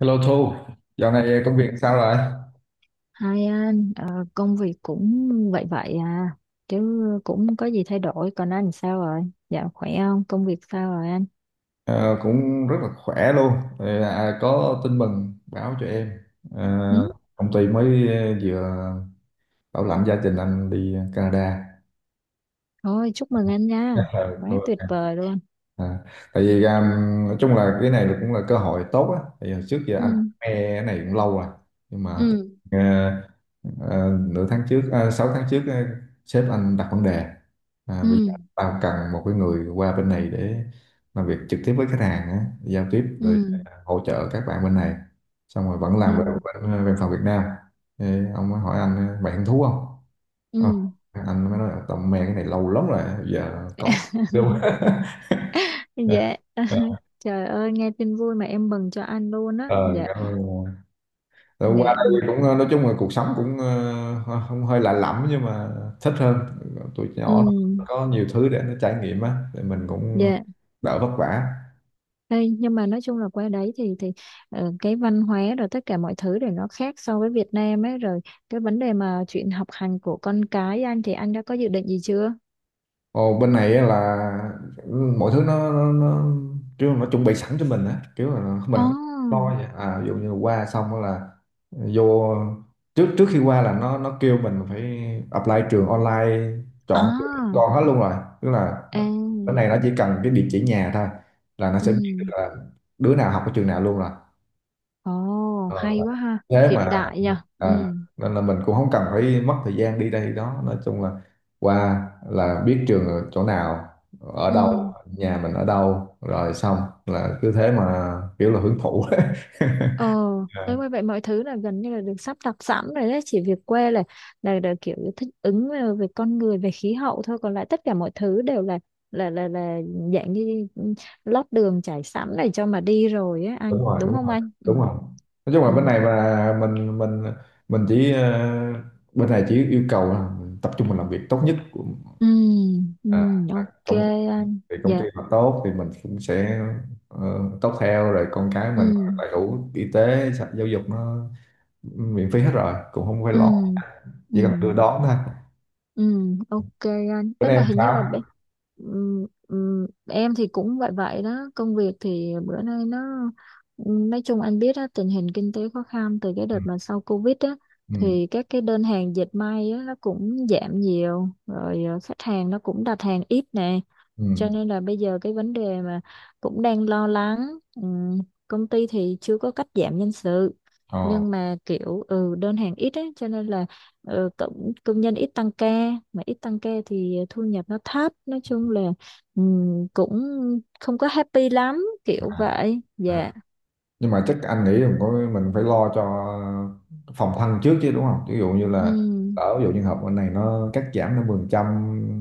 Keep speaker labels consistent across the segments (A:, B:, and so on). A: Hello Thu, dạo này công việc sao rồi?
B: Hai anh, công việc cũng vậy vậy à, chứ cũng không có gì thay đổi. Còn anh sao rồi? Dạ khỏe không? Công việc sao rồi anh?
A: Ờ, Cũng rất là khỏe luôn. Có tin mừng báo cho em. Ờ,
B: Ừ?
A: Công ty mới vừa bảo lãnh gia đình anh đi Canada.
B: Thôi chúc mừng anh nha, quá tuyệt
A: Ờ,
B: vời luôn.
A: À, Tại vì nói chung là cái này cũng là cơ hội tốt á, tại vì hồi trước giờ
B: Ừ,
A: anh nghe cái này cũng lâu rồi, nhưng mà
B: ừ,
A: ờ, ờ, nửa tháng trước sáu tháng trước, sếp anh đặt vấn đề à,
B: ừ,
A: bây giờ tao cần một cái người qua bên này để làm việc trực tiếp với khách hàng á, giao tiếp rồi
B: ừ,
A: hỗ trợ các bạn bên này, xong rồi vẫn làm về
B: ừ,
A: bên văn phòng Việt Nam. Thế ông mới hỏi anh mày hứng thú không. Ờ,
B: ừ.
A: anh mới nói tao mê cái này lâu lắm rồi bây giờ có. Đúng.
B: Dạ, trời ơi nghe tin vui mà em mừng cho anh luôn á.
A: Ờ,
B: Dạ,
A: cảm ơn Ngọc. Rồi
B: dạ,
A: qua
B: ừ,
A: đây cũng nói chung là cuộc sống cũng không hơi lạ lẫm nhưng mà thích hơn. Tuổi
B: ừ,
A: nhỏ nó có nhiều thứ để nó trải nghiệm á, thì mình cũng
B: dạ.
A: đỡ vất vả.
B: Đây, nhưng mà nói chung là qua đấy thì cái văn hóa rồi tất cả mọi thứ để nó khác so với Việt Nam ấy rồi cái vấn đề mà chuyện học hành của con cái anh thì anh đã có dự định gì chưa?
A: Ồ, bên này á là mọi thứ nó kiểu nó chuẩn bị sẵn cho mình á, kiểu là mình không
B: Ồ,
A: lo vậy à. Ví dụ như qua xong á là vô, trước trước khi qua là nó kêu mình phải apply trường online, chọn trường
B: à,
A: con hết luôn rồi. Tức là
B: à,
A: cái này nó chỉ cần cái địa chỉ nhà thôi là nó
B: ừ,
A: sẽ biết được là đứa nào học ở trường nào luôn rồi.
B: ồ,
A: Ờ,
B: hay quá ha,
A: thế
B: hiện
A: mà
B: đại nhỉ, ừ,
A: à, nên là mình cũng không cần phải mất thời gian đi đây đó, nói chung là qua là biết trường ở chỗ nào, ở
B: ừ.
A: đâu nhà mình ở đâu rồi xong là cứ thế mà kiểu là hưởng thụ.
B: Ờ, tới
A: À,
B: như vậy mọi thứ là gần như là được sắp đặt sẵn rồi đấy, chỉ việc quê là kiểu như thích ứng về về con người, về khí hậu thôi, còn lại tất cả mọi thứ đều là là dạng như lót đường trải sẵn để cho mà đi rồi á
A: đúng
B: anh,
A: rồi,
B: đúng
A: đúng
B: không
A: rồi,
B: anh? Ừ.
A: đúng rồi. Nói chung là
B: Ừ.
A: bên này mà mình chỉ bên này chỉ yêu cầu là tập trung mình làm việc tốt nhất của
B: Ừ, ừ,
A: à, à,
B: ok
A: công,
B: anh.
A: thì công
B: Dạ.
A: ty mà tốt thì mình cũng sẽ ờ, tốt theo, rồi con cái mình
B: Ừ.
A: đầy đủ y tế sạch, giáo dục nó miễn phí hết rồi, cũng không phải
B: Ừ.
A: lo,
B: Ừ.
A: chỉ cần đưa đón thôi.
B: Ừ, ok anh.
A: Bên
B: Đấy mà
A: em
B: hình như là
A: sao?
B: bé- em thì cũng vậy vậy đó. Công việc thì bữa nay nó nói chung anh biết á, tình hình kinh tế khó khăn từ cái
A: Ừ
B: đợt mà sau Covid á
A: ừ
B: thì các cái đơn hàng dệt may á nó cũng giảm nhiều rồi khách hàng nó cũng đặt hàng ít nè
A: ừ
B: cho nên là bây giờ cái vấn đề mà cũng đang lo lắng. Công ty thì chưa có cắt giảm nhân sự
A: ờ
B: nhưng mà kiểu ừ đơn hàng ít ấy cho nên là ừ, công nhân ít tăng ca mà ít tăng ca thì thu nhập nó thấp nói chung là cũng không có happy lắm
A: à,
B: kiểu vậy dạ.
A: à. Nhưng mà chắc anh nghĩ mình có mình phải lo cho phòng thân trước chứ, đúng không? Ví dụ như là
B: Ừm.
A: ở, ví dụ như học bên này nó cắt giảm 50%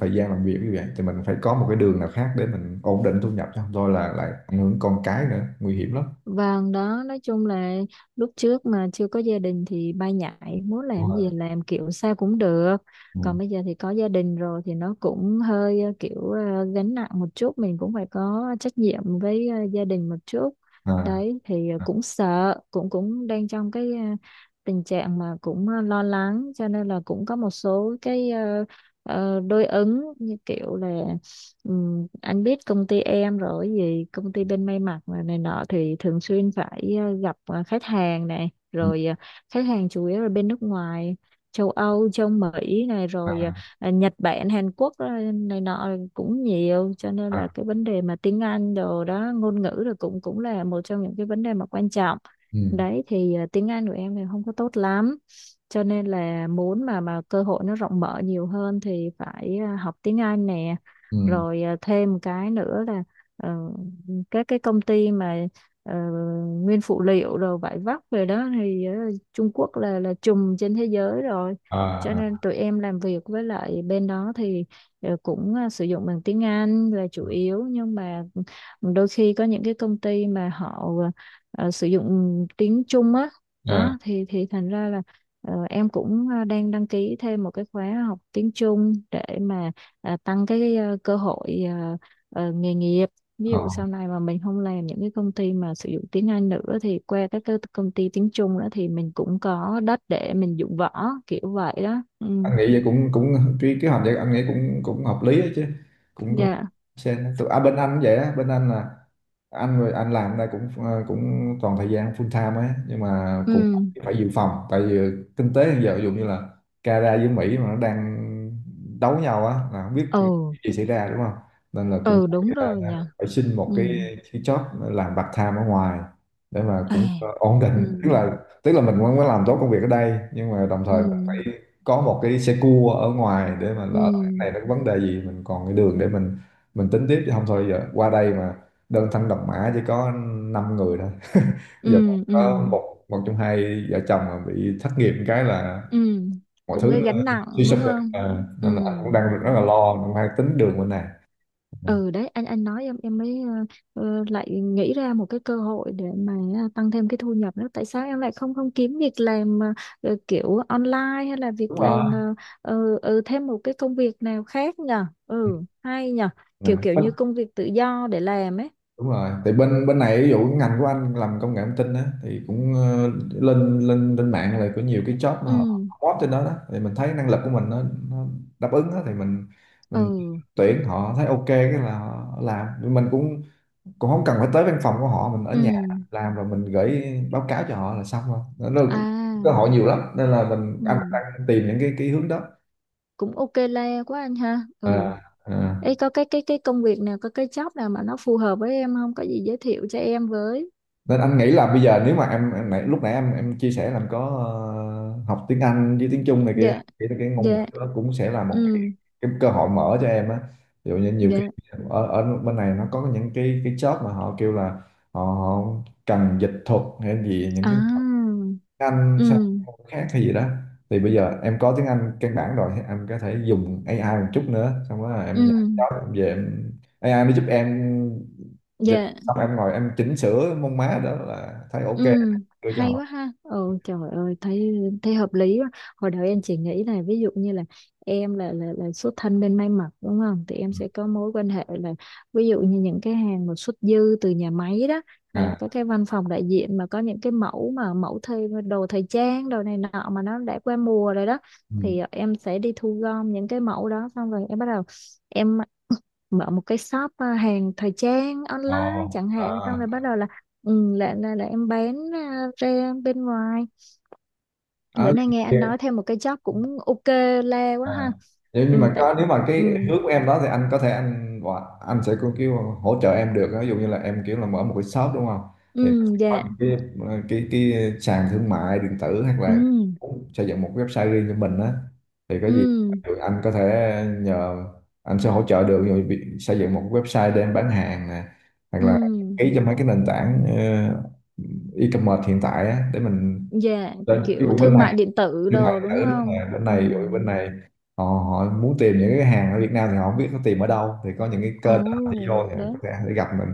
A: thời gian làm việc như vậy thì mình phải có một cái đường nào khác để mình ổn định thu nhập, chứ không thôi là lại ảnh hưởng con cái nữa, nguy hiểm lắm.
B: Vâng đó, nói chung là lúc trước mà chưa có gia đình thì bay nhảy, muốn
A: Đúng
B: làm gì
A: rồi.
B: làm kiểu sao cũng được.
A: Ừ.
B: Còn bây giờ thì có gia đình rồi thì nó cũng hơi kiểu gánh nặng một chút, mình cũng phải có trách nhiệm với gia đình một chút.
A: À
B: Đấy thì
A: à,
B: cũng sợ, cũng cũng đang trong cái tình trạng mà cũng lo lắng cho nên là cũng có một số cái đối ứng như kiểu là. Ừ, anh biết công ty em rồi cái gì công ty bên may mặc mà này nọ thì thường xuyên phải gặp khách hàng này
A: ừ,
B: rồi khách hàng chủ yếu là bên nước ngoài châu Âu châu Mỹ này rồi
A: à,
B: Nhật Bản Hàn Quốc này nọ cũng nhiều cho nên là
A: à,
B: cái vấn đề mà tiếng Anh đồ đó ngôn ngữ rồi cũng cũng là một trong những cái vấn đề mà quan trọng
A: ừ,
B: đấy thì tiếng Anh của em thì không có tốt lắm cho nên là muốn mà cơ hội nó rộng mở nhiều hơn thì phải học tiếng Anh nè
A: ừ,
B: rồi à, thêm một cái nữa là ờ, các cái công ty mà ờ, nguyên phụ liệu rồi vải vóc rồi đó thì Trung Quốc là trùm trên thế giới rồi cho
A: à, à,
B: nên tụi em làm việc với lại bên đó thì cũng sử dụng bằng tiếng Anh là chủ yếu nhưng mà đôi khi có những cái công ty mà họ sử dụng tiếng Trung á
A: à,
B: đó thì thành ra là em cũng đang đăng ký thêm một cái khóa học tiếng Trung để mà à, tăng cái cơ hội nghề nghiệp ví dụ
A: à,
B: sau này mà mình không làm những cái công ty mà sử dụng tiếng Anh nữa thì qua các cái công ty tiếng Trung nữa thì mình cũng có đất để mình dụng võ kiểu vậy đó. Ừ
A: anh nghĩ vậy cũng cũng cái kế hoạch vậy anh nghĩ cũng cũng hợp lý ấy chứ, cũng cũng
B: dạ
A: xem tụi à, bên anh cũng vậy á, bên anh là anh rồi anh làm đây cũng cũng toàn thời gian full time ấy, nhưng mà cũng
B: ừ
A: phải dự phòng. Tại vì kinh tế hiện giờ ví dụ như là Canada với Mỹ mà nó đang đấu nhau á là không biết cái
B: ừ
A: gì xảy ra, đúng không? Nên là cũng
B: ừ đúng
A: phải,
B: rồi nhỉ
A: phải xin một
B: ừ
A: cái job làm part time ở ngoài để mà
B: à.
A: cũng ổn định.
B: Ừ
A: Tức là tức là mình vẫn phải làm tốt công việc ở đây nhưng mà đồng
B: ừ
A: thời có một cái xe cua ở ngoài để mà
B: ừ
A: lỡ cái này nó có vấn đề gì mình còn cái đường để mình tính tiếp, chứ không thôi giờ qua đây mà đơn thân độc mã chỉ có 5 người thôi. Bây giờ
B: ừ ừ
A: có một, một trong hai vợ chồng mà bị thất nghiệp cái là
B: ừ
A: mọi
B: cũng
A: thứ
B: cái
A: nó
B: gánh nặng
A: suy sụp
B: đúng
A: rồi
B: không
A: à,
B: ừ
A: nên là anh cũng đang rất
B: đó
A: là lo, cũng hay tính đường bên này. Ừ,
B: ừ đấy anh nói em mới lại nghĩ ra một cái cơ hội để mà à, tăng thêm cái thu nhập nữa tại sao em lại không không kiếm việc làm kiểu online hay là việc
A: đúng rồi.
B: làm ừ, thêm một cái công việc nào khác nhờ ừ hay nhờ
A: Ừ.
B: kiểu kiểu như công việc tự do để làm ấy
A: Đúng rồi, thì bên bên này ví dụ cái ngành của anh làm công nghệ thông tin á thì cũng lên lên lên mạng là có nhiều cái job
B: ừ
A: nó hot trên đó đó, thì mình thấy năng lực của mình nó đáp ứng á thì mình
B: ừ
A: tuyển họ thấy ok cái là họ làm. Nhưng mình cũng cũng không cần phải tới văn phòng của họ, mình ở
B: ừ
A: nhà làm, rồi mình gửi báo cáo cho họ là xong. Rồi nó cơ
B: à
A: hội nhiều lắm, nên là mình anh
B: ừ
A: đang tìm những cái hướng đó.
B: cũng ok le quá anh ha ừ
A: À, à.
B: ấy có cái cái công việc nào có cái job nào mà nó phù hợp với em không có gì giới thiệu cho em với
A: Nên anh nghĩ là bây giờ nếu mà lúc nãy em chia sẻ là em có học tiếng Anh với tiếng Trung này kia
B: dạ
A: thì cái ngôn ngữ
B: dạ
A: đó cũng sẽ là một
B: ừ
A: cái cơ hội mở cho em á. Ví dụ như nhiều khi
B: dạ
A: ở bên này nó có những cái job mà họ kêu là họ cần dịch thuật hay gì, những
B: à
A: cái anh sang
B: ừ
A: môn khác hay gì đó, thì bây giờ em có tiếng Anh căn bản rồi thì em có thể dùng AI một chút nữa, xong đó là
B: ừ
A: em nhảy đó, em về em AI nó giúp em dịch,
B: dạ
A: xong em ngồi em chỉnh sửa mông má đó là thấy ok
B: ừ
A: đưa cho
B: hay
A: họ.
B: quá ha ừ trời ơi thấy thấy hợp lý quá hồi đầu em chỉ nghĩ là ví dụ như là em là xuất thân bên may mặc đúng không thì em sẽ có mối quan hệ là ví dụ như những cái hàng mà xuất dư từ nhà máy đó hay là
A: À
B: các cái văn phòng đại diện mà có những cái mẫu mà mẫu thời đồ thời trang đồ này nọ mà nó đã qua mùa rồi đó
A: ừ.
B: thì em sẽ đi thu gom những cái mẫu đó xong rồi em bắt đầu em mở một cái shop à, hàng thời trang
A: Ồ,
B: online chẳng
A: à.
B: hạn xong rồi bắt đầu là ừ, là em bán à, ra bên ngoài bữa
A: Ờ,
B: nay nghe anh nói thêm một cái job cũng ok le quá
A: à.
B: ha
A: Nếu- nhưng
B: ừ
A: mà
B: tại
A: có nếu mà cái
B: ừ
A: hướng của em đó thì anh có thể anh gọi- anh sẽ có kiểu hỗ trợ em được, ví dụ như là em kiểu là mở một cái shop đúng không, thì nó
B: ừ
A: sẽ có
B: dạ
A: những cái cái sàn thương mại điện tử, hoặc
B: ừ
A: là cũng xây dựng một cái website riêng cho mình á, thì có gì
B: ừ
A: thì anh có thể nhờ anh sẽ hỗ trợ được, rồi việc xây dựng một cái website để em bán hàng nè, hoặc là
B: ừ
A: ký cho mấy cái nền tảng e-commerce hiện tại á để mình
B: dạ
A: lên cái
B: kiểu
A: bên
B: thương mại
A: này.
B: điện tử
A: Thương mại
B: đồ
A: điện
B: đúng
A: tử, đúng
B: không
A: rồi, bên
B: ừ
A: này ủi, bên này họ họ muốn tìm những cái hàng ở Việt Nam thì họ không biết nó tìm ở đâu, thì có những cái
B: ồ
A: kênh đó họ đi vô thì có
B: đấy
A: thể để gặp mình,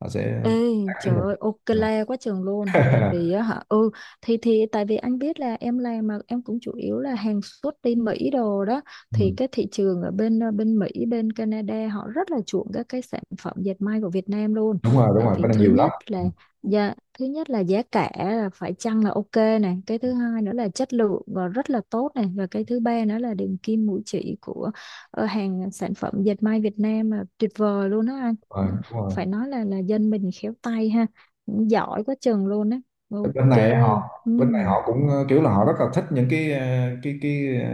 A: họ sẽ
B: Ê,
A: tác với
B: trời
A: mình.
B: ơi, ok quá trường luôn. Tại vì á hả, ừ, thì tại vì anh biết là em làm mà em cũng chủ yếu là hàng xuất đi Mỹ đồ đó. Thì
A: Ừ.
B: cái thị trường ở bên bên Mỹ, bên Canada họ rất là chuộng các cái sản phẩm dệt may của Việt Nam luôn.
A: Đúng rồi đúng
B: Tại
A: rồi, bên
B: vì
A: này
B: thứ
A: nhiều lắm.
B: nhất là giá, thứ nhất là giá cả là phải chăng là ok này. Cái thứ hai nữa là chất lượng và rất là tốt này. Và cái thứ ba nữa là đường kim mũi chỉ của hàng sản phẩm dệt may Việt Nam là tuyệt vời luôn đó anh
A: Ừ, đúng rồi, đúng
B: phải
A: rồi.
B: nói là dân mình khéo tay ha giỏi quá chừng luôn á
A: Bên
B: ok ừ
A: bên này họ cũng kiểu là họ rất là thích những cái cái cái ờ,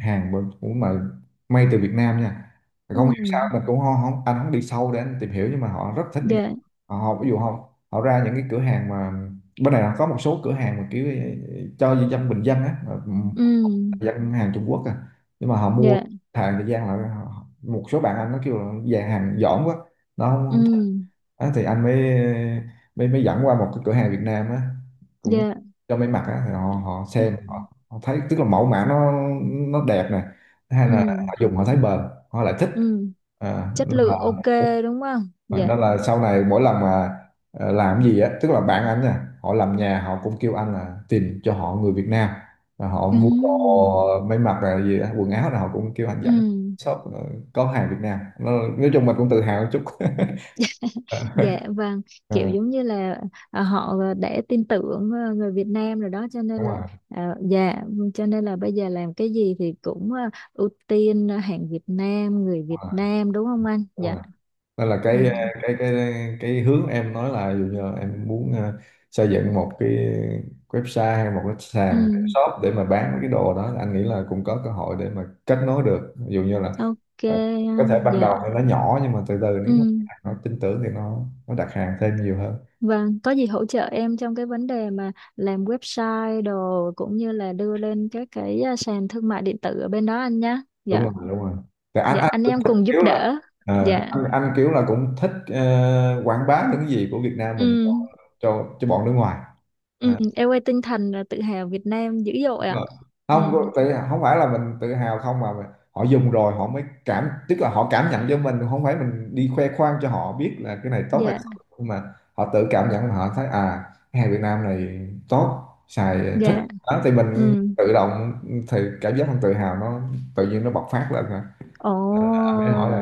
A: hàng mà- của mà may từ Việt Nam nha. Không hiểu sao
B: ừ
A: mình cũng không anh không đi sâu để anh tìm hiểu, nhưng mà họ rất thích những cái
B: dạ
A: họ ví dụ họ họ ra những cái cửa hàng mà bên này có một số cửa hàng mà kiểu cho dân bình dân á, mà ừ,
B: ừ
A: dân hàng Trung Quốc à, nhưng mà họ mua
B: dạ
A: hàng thời gian là họ- một số bạn anh nó kêu là dàn hàng dỏm quá, nó không,
B: ừ
A: không á, thì anh mới mới mới dẫn qua một cái cửa hàng Việt Nam á, cũng
B: dạ
A: cho may mặc á, thì họ họ
B: ừ
A: xem họ thấy tức là mẫu mã nó đẹp nè. Thứ hai là
B: ừ
A: họ dùng họ thấy bền, họ lại thích
B: ừ
A: à,
B: chất
A: nên là,
B: lượng ok đúng không dạ
A: nên là sau này mỗi lần mà làm cái gì á tức là bạn anh nè, họ làm nhà họ cũng kêu anh là tìm cho họ người Việt Nam, và họ
B: ừ
A: mua đồ may mặc là gì á, quần áo là họ cũng kêu anh
B: ừ
A: dẫn shop có hàng Việt Nam nó, nói chung mình cũng tự hào một chút.
B: Dạ vâng,
A: Ờ,
B: kiểu giống như là à, họ đã tin tưởng à, người Việt Nam rồi đó cho nên
A: đúng
B: là
A: rồi,
B: à, dạ vâng, cho nên là bây giờ làm cái gì thì cũng à, ưu tiên à, hàng Việt Nam, người Việt
A: rồi,
B: Nam đúng không anh?
A: đúng
B: Dạ.
A: rồi, nên là
B: Ừ.
A: cái cái cái cái hướng em nói là ví dụ như là em muốn xây dựng một cái website hay một cái
B: Ừ.
A: sàn shop để mà bán mấy cái đồ đó, anh nghĩ là cũng có cơ hội để mà kết nối được, ví dụ như là
B: Ok
A: ờ, có
B: anh.
A: thể ban
B: Dạ.
A: đầu thì nó nhỏ nhưng mà từ từ
B: Ừ.
A: nếu mà nó tin tưởng thì nó đặt hàng thêm nhiều hơn.
B: Vâng, có gì hỗ trợ em trong cái vấn đề mà làm website đồ cũng như là đưa lên các cái à, sàn thương mại điện tử ở bên đó anh nhá.
A: Đúng
B: Dạ.
A: rồi đúng rồi, thì anh
B: Dạ
A: anh
B: anh
A: cũng
B: em
A: thích
B: cùng giúp
A: kiểu là
B: đỡ. Dạ.
A: anh kiểu là cũng thích quảng bá những cái gì của Việt Nam
B: Ừ.
A: mình cho cho bọn nước ngoài.
B: Ừ,
A: Ờ,
B: em quay tinh thần là tự hào Việt Nam dữ dội ạ.
A: rồi.
B: Ừ,
A: Không tự, không phải là mình tự hào không mà mình- họ dùng rồi họ mới cảm, tức là họ cảm nhận cho mình, không phải mình đi khoe khoang cho họ biết là cái này tốt hay
B: dạ,
A: không, nhưng mà họ tự cảm nhận họ thấy à, cái hàng Việt Nam này tốt xài thích
B: dạ,
A: đó, thì mình
B: ừ,
A: tự động, thì cảm giác mình tự hào nó tự nhiên nó bộc phát lên mà.
B: ồ,
A: Nên là anh mới hỏi là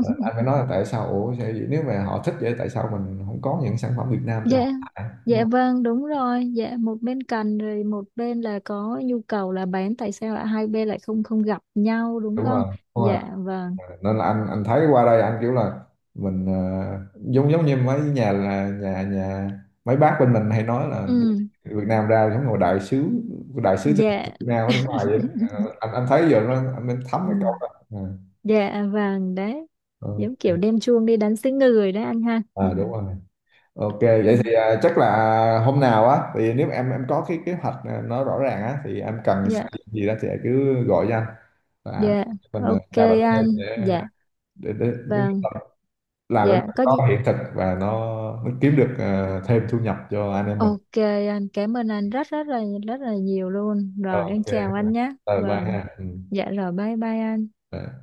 A: anh mới nói là tại sao ủa sao vậy? Nếu mà họ thích vậy tại sao mình không có những sản phẩm Việt Nam
B: dạ,
A: cho họ xài? Đúng
B: dạ
A: không?
B: vâng, đúng rồi, dạ, một bên cần rồi một bên là có nhu cầu là bán, tại sao lại hai bên lại không không gặp nhau đúng
A: Đúng
B: không?
A: rồi đúng rồi,
B: Dạ, vâng,
A: nên là anh thấy qua đây anh kiểu là mình giống giống như mấy nhà là nhà nhà mấy bác bên mình hay nói là đi
B: ừ,
A: Việt Nam ra giống như một đại sứ, đại sứ thương hiệu
B: dạ,
A: Việt Nam ở nước ngoài vậy đó. Ờ, anh thấy giờ nó anh thấm
B: ừ,
A: cái câu đó à,
B: dạ, vâng, đấy, giống kiểu
A: ok.
B: đem chuông đi đánh xứ người đấy anh ha. Ừ,
A: À, đúng rồi, ok vậy
B: ừ,
A: thì à, chắc là hôm nào á thì nếu em có cái kế hoạch à, nó rõ ràng á thì em cần
B: dạ,
A: xây dựng gì đó thì cứ gọi cho anh, và
B: dạ,
A: mình à,
B: ok
A: trao đổi thêm
B: anh,
A: để
B: dạ,
A: để để, để
B: vâng.
A: làm cái
B: Dạ có
A: đó
B: gì
A: nó hiện thực và nó kiếm được thêm thu nhập cho anh em mình.
B: ok anh cảm ơn anh rất rất là nhiều luôn.
A: Ờ,
B: Rồi em
A: ok,
B: chào anh nhé.
A: bye bye
B: Vâng.
A: ha, ừ.
B: Dạ rồi bye bye anh.
A: Bye.